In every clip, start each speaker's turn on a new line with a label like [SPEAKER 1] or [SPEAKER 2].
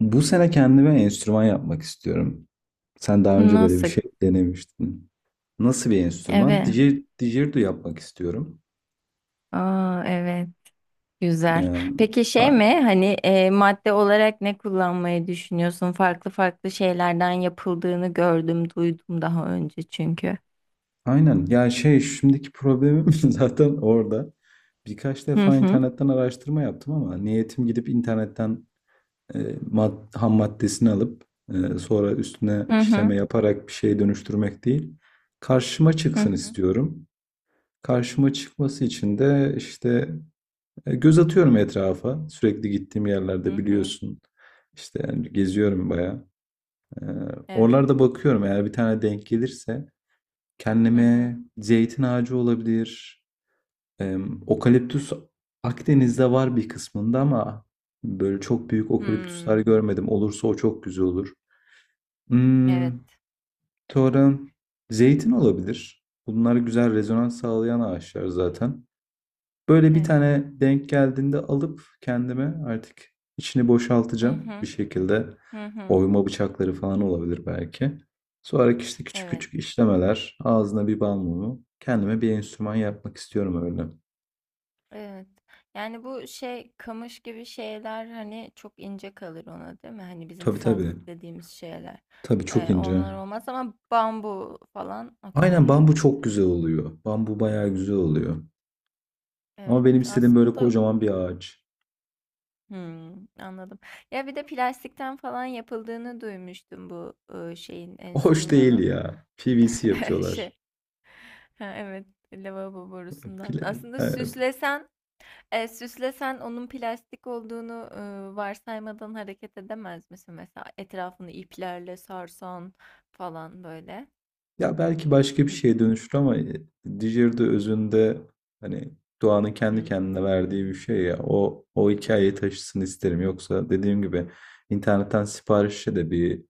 [SPEAKER 1] Bu sene kendime enstrüman yapmak istiyorum. Sen daha önce böyle bir
[SPEAKER 2] Nasıl?
[SPEAKER 1] şey denemiştin. Nasıl bir enstrüman?
[SPEAKER 2] Evet.
[SPEAKER 1] Didgeridoo yapmak istiyorum.
[SPEAKER 2] Aa, evet. Güzel.
[SPEAKER 1] Ya,
[SPEAKER 2] Peki şey
[SPEAKER 1] a-
[SPEAKER 2] mi? Hani madde olarak ne kullanmayı düşünüyorsun? Farklı farklı şeylerden yapıldığını gördüm, duydum daha önce çünkü.
[SPEAKER 1] aynen. Ya, şimdiki problemim zaten orada. Birkaç
[SPEAKER 2] Hı
[SPEAKER 1] defa
[SPEAKER 2] hı.
[SPEAKER 1] internetten araştırma yaptım ama niyetim gidip internetten e, ham maddesini alıp sonra üstüne
[SPEAKER 2] Hı hı.
[SPEAKER 1] işleme yaparak bir şeye dönüştürmek değil. Karşıma
[SPEAKER 2] Hı
[SPEAKER 1] çıksın
[SPEAKER 2] hı.
[SPEAKER 1] istiyorum. Karşıma çıkması için de işte, göz atıyorum etrafa. Sürekli gittiğim
[SPEAKER 2] Hı
[SPEAKER 1] yerlerde
[SPEAKER 2] hı.
[SPEAKER 1] biliyorsun. İşte yani geziyorum bayağı. E,
[SPEAKER 2] Evet.
[SPEAKER 1] Oralarda bakıyorum, eğer bir tane denk gelirse
[SPEAKER 2] Hı hı.
[SPEAKER 1] kendime zeytin ağacı olabilir. E, Okaliptüs Akdeniz'de var bir kısmında ama böyle çok büyük okaliptüsler
[SPEAKER 2] Hmm.
[SPEAKER 1] görmedim. Olursa o çok güzel olur.
[SPEAKER 2] Evet.
[SPEAKER 1] Hmm, Sonra zeytin olabilir. Bunlar güzel rezonans sağlayan ağaçlar zaten. Böyle bir
[SPEAKER 2] Evet.
[SPEAKER 1] tane denk geldiğinde alıp kendime artık içini
[SPEAKER 2] Hı
[SPEAKER 1] boşaltacağım bir
[SPEAKER 2] hı.
[SPEAKER 1] şekilde.
[SPEAKER 2] Hı hı.
[SPEAKER 1] Oyma bıçakları falan olabilir belki. Sonra işte küçük
[SPEAKER 2] Evet.
[SPEAKER 1] küçük işlemeler, ağzına bir bal mumu. Kendime bir enstrüman yapmak istiyorum öyle.
[SPEAKER 2] Evet. Yani bu şey, kamış gibi şeyler hani, çok ince kalır ona, değil mi? Hani bizim
[SPEAKER 1] Tabii tabii.
[SPEAKER 2] sazlık dediğimiz şeyler.
[SPEAKER 1] Tabii çok ince.
[SPEAKER 2] Onlar olmaz ama bambu falan okey
[SPEAKER 1] Aynen, bambu çok
[SPEAKER 2] herhalde.
[SPEAKER 1] güzel oluyor. Bambu bayağı güzel oluyor. Ama
[SPEAKER 2] Evet,
[SPEAKER 1] benim istediğim böyle
[SPEAKER 2] aslında.
[SPEAKER 1] kocaman bir ağaç.
[SPEAKER 2] Anladım. Ya bir de plastikten falan yapıldığını duymuştum bu şeyin,
[SPEAKER 1] Hoş değil
[SPEAKER 2] enstrümanın.
[SPEAKER 1] ya. PVC
[SPEAKER 2] Şey.
[SPEAKER 1] yapıyorlar.
[SPEAKER 2] Ha, evet, lavabo borusundan.
[SPEAKER 1] Pile,
[SPEAKER 2] Aslında
[SPEAKER 1] e,
[SPEAKER 2] süslesen, süslesen onun plastik olduğunu, varsaymadan hareket edemez misin? Mesela etrafını iplerle sarsan falan böyle.
[SPEAKER 1] Ya belki başka bir şeye dönüşür ama Dijeri'de özünde hani doğanın kendi
[SPEAKER 2] Hımm.
[SPEAKER 1] kendine verdiği bir şey ya. O hikayeyi taşısın isterim. Yoksa dediğim gibi internetten siparişle de bir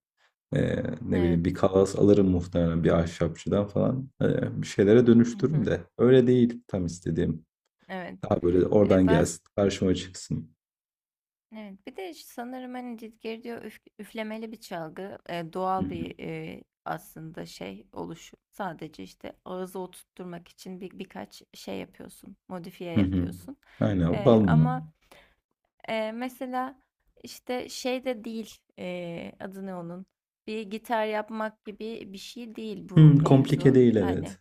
[SPEAKER 1] e, ne
[SPEAKER 2] Evet.
[SPEAKER 1] bileyim bir kalas alırım muhtemelen bir ahşapçıdan falan. E, bir şeylere
[SPEAKER 2] Hı
[SPEAKER 1] dönüştürürüm
[SPEAKER 2] hı.
[SPEAKER 1] de. Öyle değil tam istediğim.
[SPEAKER 2] Evet.
[SPEAKER 1] Daha böyle oradan
[SPEAKER 2] Baz
[SPEAKER 1] gelsin, karşıma çıksın.
[SPEAKER 2] Evet. Bir de sanırım, hani, cid geri diyor, üflemeli bir çalgı.
[SPEAKER 1] Hı
[SPEAKER 2] Doğal
[SPEAKER 1] hı.
[SPEAKER 2] bir, aslında şey, oluşu. Sadece, işte, ağızı oturtturmak için birkaç şey yapıyorsun, modifiye
[SPEAKER 1] Hı hı.
[SPEAKER 2] yapıyorsun.
[SPEAKER 1] Aynen, bal mı?
[SPEAKER 2] Ama mesela, işte, şey de değil, adı ne onun? Bir gitar yapmak gibi bir şey değil bu
[SPEAKER 1] Hı, komplike
[SPEAKER 2] mevzu.
[SPEAKER 1] değil,
[SPEAKER 2] Hani,
[SPEAKER 1] evet.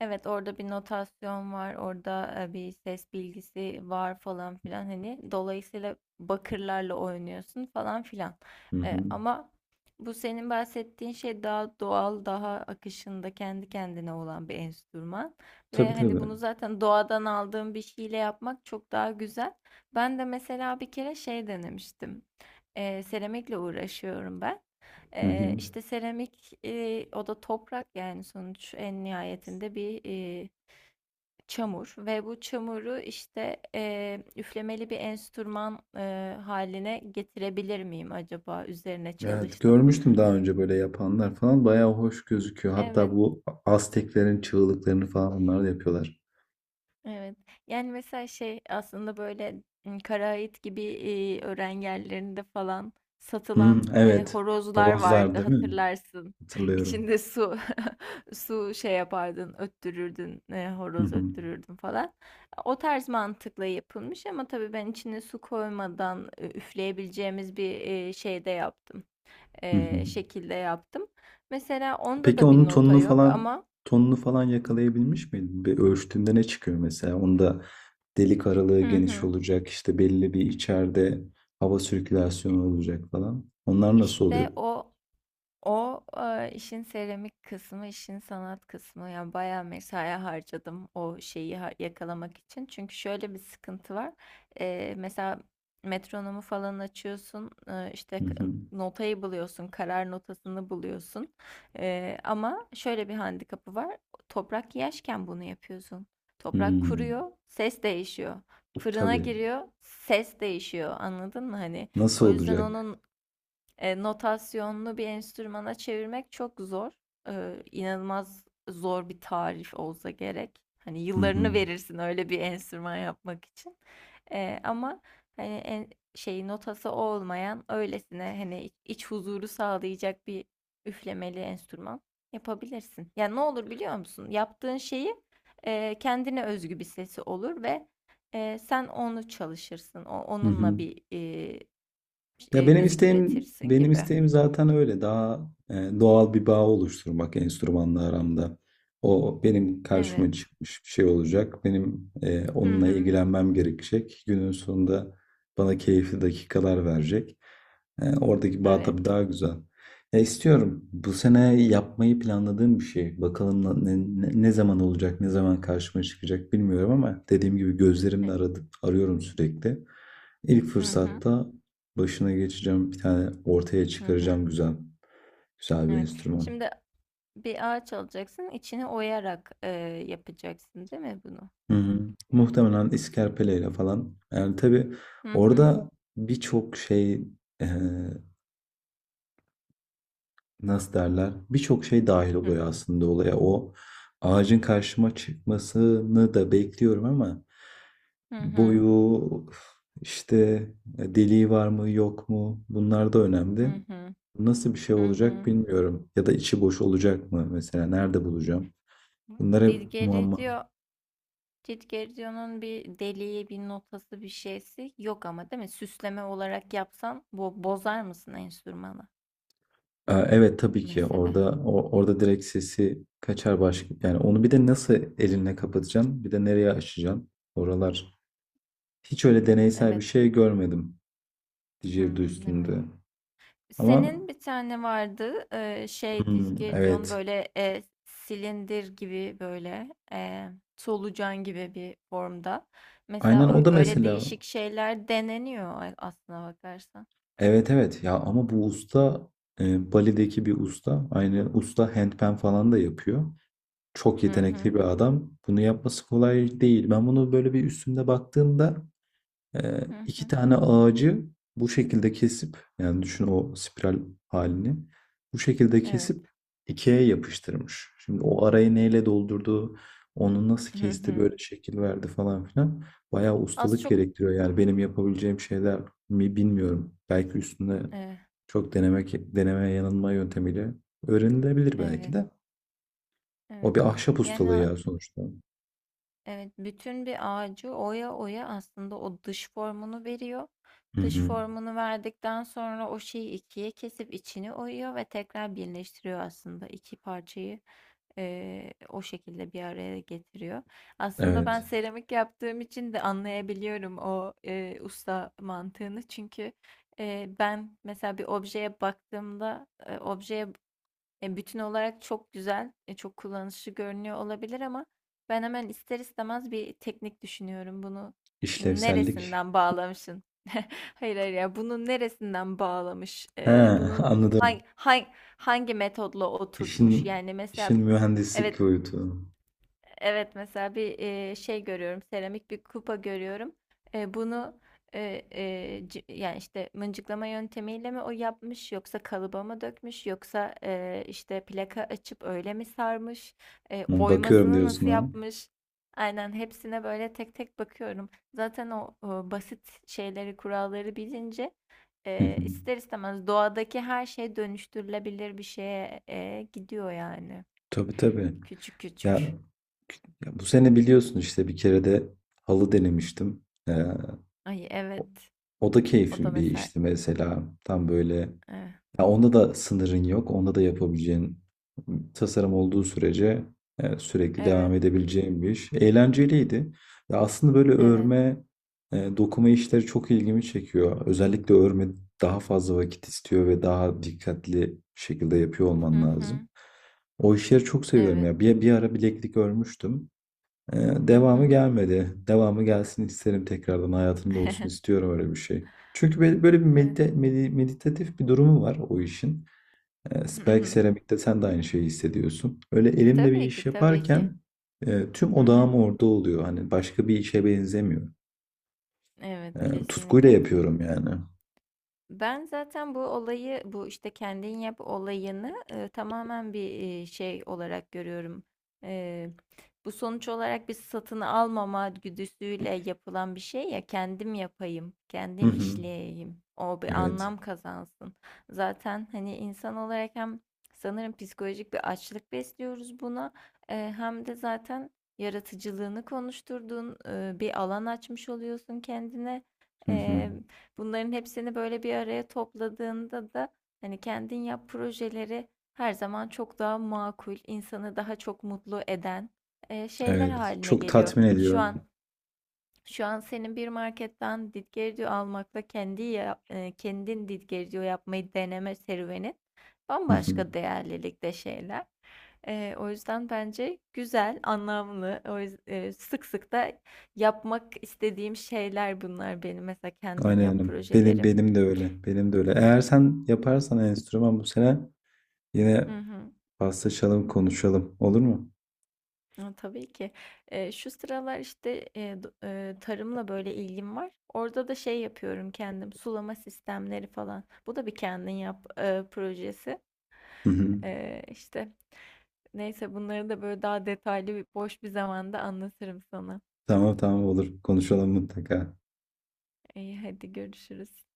[SPEAKER 2] evet, orada bir notasyon var, orada bir ses bilgisi var falan filan, hani dolayısıyla bakırlarla oynuyorsun falan filan.
[SPEAKER 1] Hı hı.
[SPEAKER 2] Ama bu senin bahsettiğin şey daha doğal, daha akışında kendi kendine olan bir enstrüman
[SPEAKER 1] Tabii
[SPEAKER 2] ve hani
[SPEAKER 1] tabii.
[SPEAKER 2] bunu zaten doğadan aldığın bir şeyle yapmak çok daha güzel. Ben de mesela bir kere şey denemiştim. Seramikle uğraşıyorum ben.
[SPEAKER 1] Hı hı.
[SPEAKER 2] İşte seramik, o da toprak, yani sonuç en nihayetinde bir, çamur ve bu çamuru işte, üflemeli bir enstrüman, hâline getirebilir miyim acaba, üzerine
[SPEAKER 1] Evet,
[SPEAKER 2] çalıştım.
[SPEAKER 1] görmüştüm daha önce böyle yapanlar falan. Bayağı hoş gözüküyor. Hatta
[SPEAKER 2] Evet.
[SPEAKER 1] bu Azteklerin çığlıklarını falan onlar da yapıyorlar.
[SPEAKER 2] Evet. Yani mesela şey, aslında böyle Karaait gibi öğren yerlerinde falan
[SPEAKER 1] Hı,
[SPEAKER 2] satılan
[SPEAKER 1] evet.
[SPEAKER 2] horozlar
[SPEAKER 1] Horozlar
[SPEAKER 2] vardı,
[SPEAKER 1] değil mi?
[SPEAKER 2] hatırlarsın.
[SPEAKER 1] Hatırlıyorum.
[SPEAKER 2] İçinde su su şey yapardın, öttürürdün,
[SPEAKER 1] Hı
[SPEAKER 2] horoz
[SPEAKER 1] hı.
[SPEAKER 2] öttürürdün falan. O tarz mantıkla yapılmış ama tabii ben içine su koymadan üfleyebileceğimiz bir şeyde yaptım.
[SPEAKER 1] Hı hı.
[SPEAKER 2] Şekilde yaptım. Mesela onda
[SPEAKER 1] Peki
[SPEAKER 2] da bir
[SPEAKER 1] onun
[SPEAKER 2] nota
[SPEAKER 1] tonunu
[SPEAKER 2] yok
[SPEAKER 1] falan
[SPEAKER 2] ama.
[SPEAKER 1] tonunu falan yakalayabilmiş miydin? Bir ölçtüğünde ne çıkıyor mesela? Onda delik aralığı
[SPEAKER 2] Hı
[SPEAKER 1] geniş
[SPEAKER 2] hı.
[SPEAKER 1] olacak, işte belli bir içeride hava sirkülasyonu olacak falan. Onlar nasıl oluyor?
[SPEAKER 2] İşte o, işin seramik kısmı, işin sanat kısmı. Yani bayağı mesai harcadım o şeyi yakalamak için. Çünkü şöyle bir sıkıntı var. Mesela metronomu falan açıyorsun,
[SPEAKER 1] Hı
[SPEAKER 2] işte
[SPEAKER 1] hı.
[SPEAKER 2] notayı buluyorsun, karar notasını buluyorsun. Ama şöyle bir handikapı var. Toprak yaşken bunu yapıyorsun. Toprak
[SPEAKER 1] Hmm,
[SPEAKER 2] kuruyor, ses değişiyor. Fırına
[SPEAKER 1] tabii.
[SPEAKER 2] giriyor, ses değişiyor. Anladın mı? Hani
[SPEAKER 1] Nasıl
[SPEAKER 2] o yüzden
[SPEAKER 1] olacak?
[SPEAKER 2] onun notasyonlu bir enstrümana çevirmek çok zor. İnanılmaz zor bir tarif olsa gerek. Hani
[SPEAKER 1] Hı hı.
[SPEAKER 2] yıllarını verirsin öyle bir enstrüman yapmak için. Ama hani şey, notası olmayan öylesine hani iç huzuru sağlayacak bir üflemeli enstrüman yapabilirsin. Yani ne olur biliyor musun? Yaptığın şeyi kendine özgü bir sesi olur ve sen onu çalışırsın. O,
[SPEAKER 1] Hı
[SPEAKER 2] onunla
[SPEAKER 1] hı.
[SPEAKER 2] bir
[SPEAKER 1] Ya benim
[SPEAKER 2] müzik
[SPEAKER 1] isteğim
[SPEAKER 2] üretirsin
[SPEAKER 1] benim
[SPEAKER 2] gibi.
[SPEAKER 1] isteğim zaten öyle daha doğal bir bağ oluşturmak enstrümanla aramda. O benim karşıma
[SPEAKER 2] Evet.
[SPEAKER 1] çıkmış bir şey olacak. Benim
[SPEAKER 2] Hı
[SPEAKER 1] onunla
[SPEAKER 2] hı.
[SPEAKER 1] ilgilenmem gerekecek. Günün sonunda bana keyifli dakikalar verecek. E, oradaki bağ tabii
[SPEAKER 2] Evet.
[SPEAKER 1] daha güzel. Ya istiyorum. Bu sene yapmayı planladığım bir şey. Bakalım ne zaman olacak, ne zaman karşıma çıkacak bilmiyorum ama dediğim gibi gözlerimle
[SPEAKER 2] E-
[SPEAKER 1] aradım, arıyorum sürekli. İlk
[SPEAKER 2] Hı hı.
[SPEAKER 1] fırsatta başına geçeceğim bir tane ortaya
[SPEAKER 2] Hı hı.
[SPEAKER 1] çıkaracağım, güzel. Güzel bir
[SPEAKER 2] Evet.
[SPEAKER 1] enstrüman.
[SPEAKER 2] Şimdi bir ağaç alacaksın, içini oyarak yapacaksın, değil mi bunu?
[SPEAKER 1] Hı hı. Muhtemelen iskerpeleyle falan. Yani tabii
[SPEAKER 2] Hı hı.
[SPEAKER 1] orada birçok şey, e, nasıl derler, birçok şey dahil
[SPEAKER 2] Hı
[SPEAKER 1] oluyor aslında olaya. O ağacın karşıma çıkmasını da bekliyorum ama
[SPEAKER 2] hı.
[SPEAKER 1] boyu, işte deliği var mı yok mu? Bunlar da önemli.
[SPEAKER 2] Hı hı.
[SPEAKER 1] Nasıl bir şey
[SPEAKER 2] Hı
[SPEAKER 1] olacak
[SPEAKER 2] hı.
[SPEAKER 1] bilmiyorum. Ya da içi boş olacak mı mesela? Nerede bulacağım? Bunlar hep muamma.
[SPEAKER 2] Didgeridoo, Didgeridoo'nun bir deliği, bir notası, bir şeysi yok ama, değil mi? Süsleme olarak yapsan bozar mısın enstrümanı
[SPEAKER 1] Evet, tabii ki
[SPEAKER 2] mesela?
[SPEAKER 1] orada orada direkt sesi kaçar baş yani, onu bir de nasıl elinle kapatacaksın, bir de nereye açacaksın oralar. Hiç öyle
[SPEAKER 2] Hmm,
[SPEAKER 1] deneysel bir
[SPEAKER 2] evet.
[SPEAKER 1] şey görmedim didgeridoo
[SPEAKER 2] Hmm, evet.
[SPEAKER 1] üstünde. Ama
[SPEAKER 2] Senin bir tane vardı, şey,
[SPEAKER 1] hmm,
[SPEAKER 2] Dizgerdion,
[SPEAKER 1] evet.
[SPEAKER 2] böyle silindir gibi, böyle solucan gibi bir formda. Mesela
[SPEAKER 1] Aynen, o da
[SPEAKER 2] öyle
[SPEAKER 1] mesela.
[SPEAKER 2] değişik şeyler deneniyor aslına bakarsan.
[SPEAKER 1] Evet evet ya, ama bu usta, Bali'deki bir usta. Aynı usta handpan falan da yapıyor. Çok
[SPEAKER 2] Hı hı,
[SPEAKER 1] yetenekli bir adam. Bunu yapması kolay değil. Ben bunu böyle bir üstünde baktığımda,
[SPEAKER 2] hı
[SPEAKER 1] iki
[SPEAKER 2] hı,
[SPEAKER 1] tane ağacı bu şekilde kesip, yani düşün, o spiral halini bu şekilde
[SPEAKER 2] evet.
[SPEAKER 1] kesip ikiye yapıştırmış. Şimdi o arayı neyle doldurdu, onu nasıl
[SPEAKER 2] Hı
[SPEAKER 1] kesti,
[SPEAKER 2] hı.
[SPEAKER 1] böyle şekil verdi falan filan. Bayağı
[SPEAKER 2] Az
[SPEAKER 1] ustalık
[SPEAKER 2] çok
[SPEAKER 1] gerektiriyor. Yani benim yapabileceğim şeyler mi bilmiyorum. Belki üstünde
[SPEAKER 2] eh,
[SPEAKER 1] çok denemek, deneme yanılma yöntemiyle öğrenilebilir belki
[SPEAKER 2] evet,
[SPEAKER 1] de. O
[SPEAKER 2] evet.
[SPEAKER 1] bir ahşap ustalığı
[SPEAKER 2] Yani,
[SPEAKER 1] ya sonuçta.
[SPEAKER 2] evet, bütün bir ağacı oya oya aslında o dış formunu veriyor.
[SPEAKER 1] Hı
[SPEAKER 2] Dış
[SPEAKER 1] hı.
[SPEAKER 2] formunu verdikten sonra o şeyi ikiye kesip içini oyuyor ve tekrar birleştiriyor aslında, iki parçayı o şekilde bir araya getiriyor. Aslında ben
[SPEAKER 1] Evet.
[SPEAKER 2] seramik yaptığım için de anlayabiliyorum o usta mantığını, çünkü ben mesela bir objeye baktığımda, objeye bütün olarak çok güzel, çok kullanışlı görünüyor olabilir ama ben hemen ister istemez bir teknik düşünüyorum. Bunu
[SPEAKER 1] İşlevsellik.
[SPEAKER 2] neresinden bağlamışsın? Hayır hayır ya, bunun neresinden bağlamış?
[SPEAKER 1] He,
[SPEAKER 2] Bunun
[SPEAKER 1] anladım.
[SPEAKER 2] hangi metodla oturtmuş?
[SPEAKER 1] İşin,
[SPEAKER 2] Yani
[SPEAKER 1] işin
[SPEAKER 2] mesela
[SPEAKER 1] mühendislik
[SPEAKER 2] evet.
[SPEAKER 1] boyutu.
[SPEAKER 2] Evet, mesela bir şey görüyorum, seramik bir kupa görüyorum. Bunu yani işte mıncıklama yöntemiyle mi o yapmış, yoksa kalıba mı dökmüş, yoksa işte plaka açıp öyle mi sarmış,
[SPEAKER 1] Hı, bakıyorum
[SPEAKER 2] oymasını
[SPEAKER 1] diyorsun
[SPEAKER 2] nasıl
[SPEAKER 1] ha.
[SPEAKER 2] yapmış? Aynen, hepsine böyle tek tek bakıyorum. Zaten o basit şeyleri, kuralları bilince
[SPEAKER 1] Hı hı.
[SPEAKER 2] ister istemez doğadaki her şey dönüştürülebilir bir şeye gidiyor yani,
[SPEAKER 1] Tabii tabii.
[SPEAKER 2] küçük
[SPEAKER 1] Ya,
[SPEAKER 2] küçük.
[SPEAKER 1] ya, bu sene biliyorsun işte bir kere de halı denemiştim. Ee,
[SPEAKER 2] Ay evet.
[SPEAKER 1] O da
[SPEAKER 2] O da
[SPEAKER 1] keyifli bir
[SPEAKER 2] mesela
[SPEAKER 1] işti mesela. Tam böyle
[SPEAKER 2] eh,
[SPEAKER 1] ya, onda da sınırın yok. Onda da yapabileceğin tasarım olduğu sürece sürekli devam
[SPEAKER 2] evet,
[SPEAKER 1] edebileceğin bir iş. Eğlenceliydi. Ya aslında böyle
[SPEAKER 2] evet.
[SPEAKER 1] örme, dokuma işleri çok ilgimi çekiyor. Özellikle örme daha fazla vakit istiyor ve daha dikkatli şekilde yapıyor olman
[SPEAKER 2] Hı hı.
[SPEAKER 1] lazım. O işleri çok seviyorum
[SPEAKER 2] Evet.
[SPEAKER 1] ya. Bir ara bileklik örmüştüm. Ee,
[SPEAKER 2] Hı
[SPEAKER 1] Devamı
[SPEAKER 2] hı.
[SPEAKER 1] gelmedi. Devamı gelsin isterim, tekrardan hayatımda olsun istiyorum öyle bir şey. Çünkü böyle, böyle bir
[SPEAKER 2] Evet.
[SPEAKER 1] meditatif bir durumu var o işin.
[SPEAKER 2] Hı
[SPEAKER 1] Belki
[SPEAKER 2] hı.
[SPEAKER 1] seramikte sen de aynı şeyi hissediyorsun. Öyle elimde bir
[SPEAKER 2] Tabii
[SPEAKER 1] iş
[SPEAKER 2] ki, tabii ki.
[SPEAKER 1] yaparken tüm
[SPEAKER 2] Hı hı.
[SPEAKER 1] odağım orada oluyor. Hani başka bir işe benzemiyor.
[SPEAKER 2] Evet,
[SPEAKER 1] Tutkuyla
[SPEAKER 2] kesinlikle.
[SPEAKER 1] yapıyorum yani.
[SPEAKER 2] Ben zaten bu olayı, bu işte kendin yap olayını tamamen bir şey olarak görüyorum. E, Bu sonuç olarak bir satın almama güdüsüyle yapılan bir şey: ya kendim yapayım,
[SPEAKER 1] Hı
[SPEAKER 2] kendim
[SPEAKER 1] hı.
[SPEAKER 2] işleyeyim, o bir
[SPEAKER 1] Evet.
[SPEAKER 2] anlam kazansın. Zaten hani insan olarak hem, sanırım, psikolojik bir açlık besliyoruz buna, hem de zaten yaratıcılığını konuşturduğun bir alan açmış oluyorsun kendine.
[SPEAKER 1] Hı hı.
[SPEAKER 2] Bunların hepsini böyle bir araya topladığında da hani kendin yap projeleri her zaman çok daha makul, insanı daha çok mutlu eden şeyler
[SPEAKER 1] Evet.
[SPEAKER 2] haline
[SPEAKER 1] Çok
[SPEAKER 2] geliyor.
[SPEAKER 1] tatmin
[SPEAKER 2] Şu
[SPEAKER 1] ediyor.
[SPEAKER 2] an şu an senin bir marketten didgeridoo almakla kendin didgeridoo yapmayı deneme serüvenin
[SPEAKER 1] Hı hı.
[SPEAKER 2] bambaşka değerlilikte şeyler. O yüzden bence güzel, anlamlı. Sık sık da yapmak istediğim şeyler bunlar benim, mesela, kendin yap
[SPEAKER 1] Aynen. Benim
[SPEAKER 2] projeleri.
[SPEAKER 1] benim de öyle. Benim de öyle. Eğer sen yaparsan enstrüman bu sene, yine
[SPEAKER 2] Hı hı.
[SPEAKER 1] paslaşalım, konuşalım. Olur mu?
[SPEAKER 2] A, tabii ki. Şu sıralar, işte, do tarımla, böyle, ilgim var. Orada da şey yapıyorum kendim, sulama sistemleri falan. Bu da bir kendin yap, projesi.
[SPEAKER 1] Hı hı.
[SPEAKER 2] İşte, neyse, bunları da, böyle, daha detaylı, boş bir zamanda anlatırım sana.
[SPEAKER 1] Tamam tamam, olur. Konuşalım mutlaka.
[SPEAKER 2] İyi, hadi görüşürüz.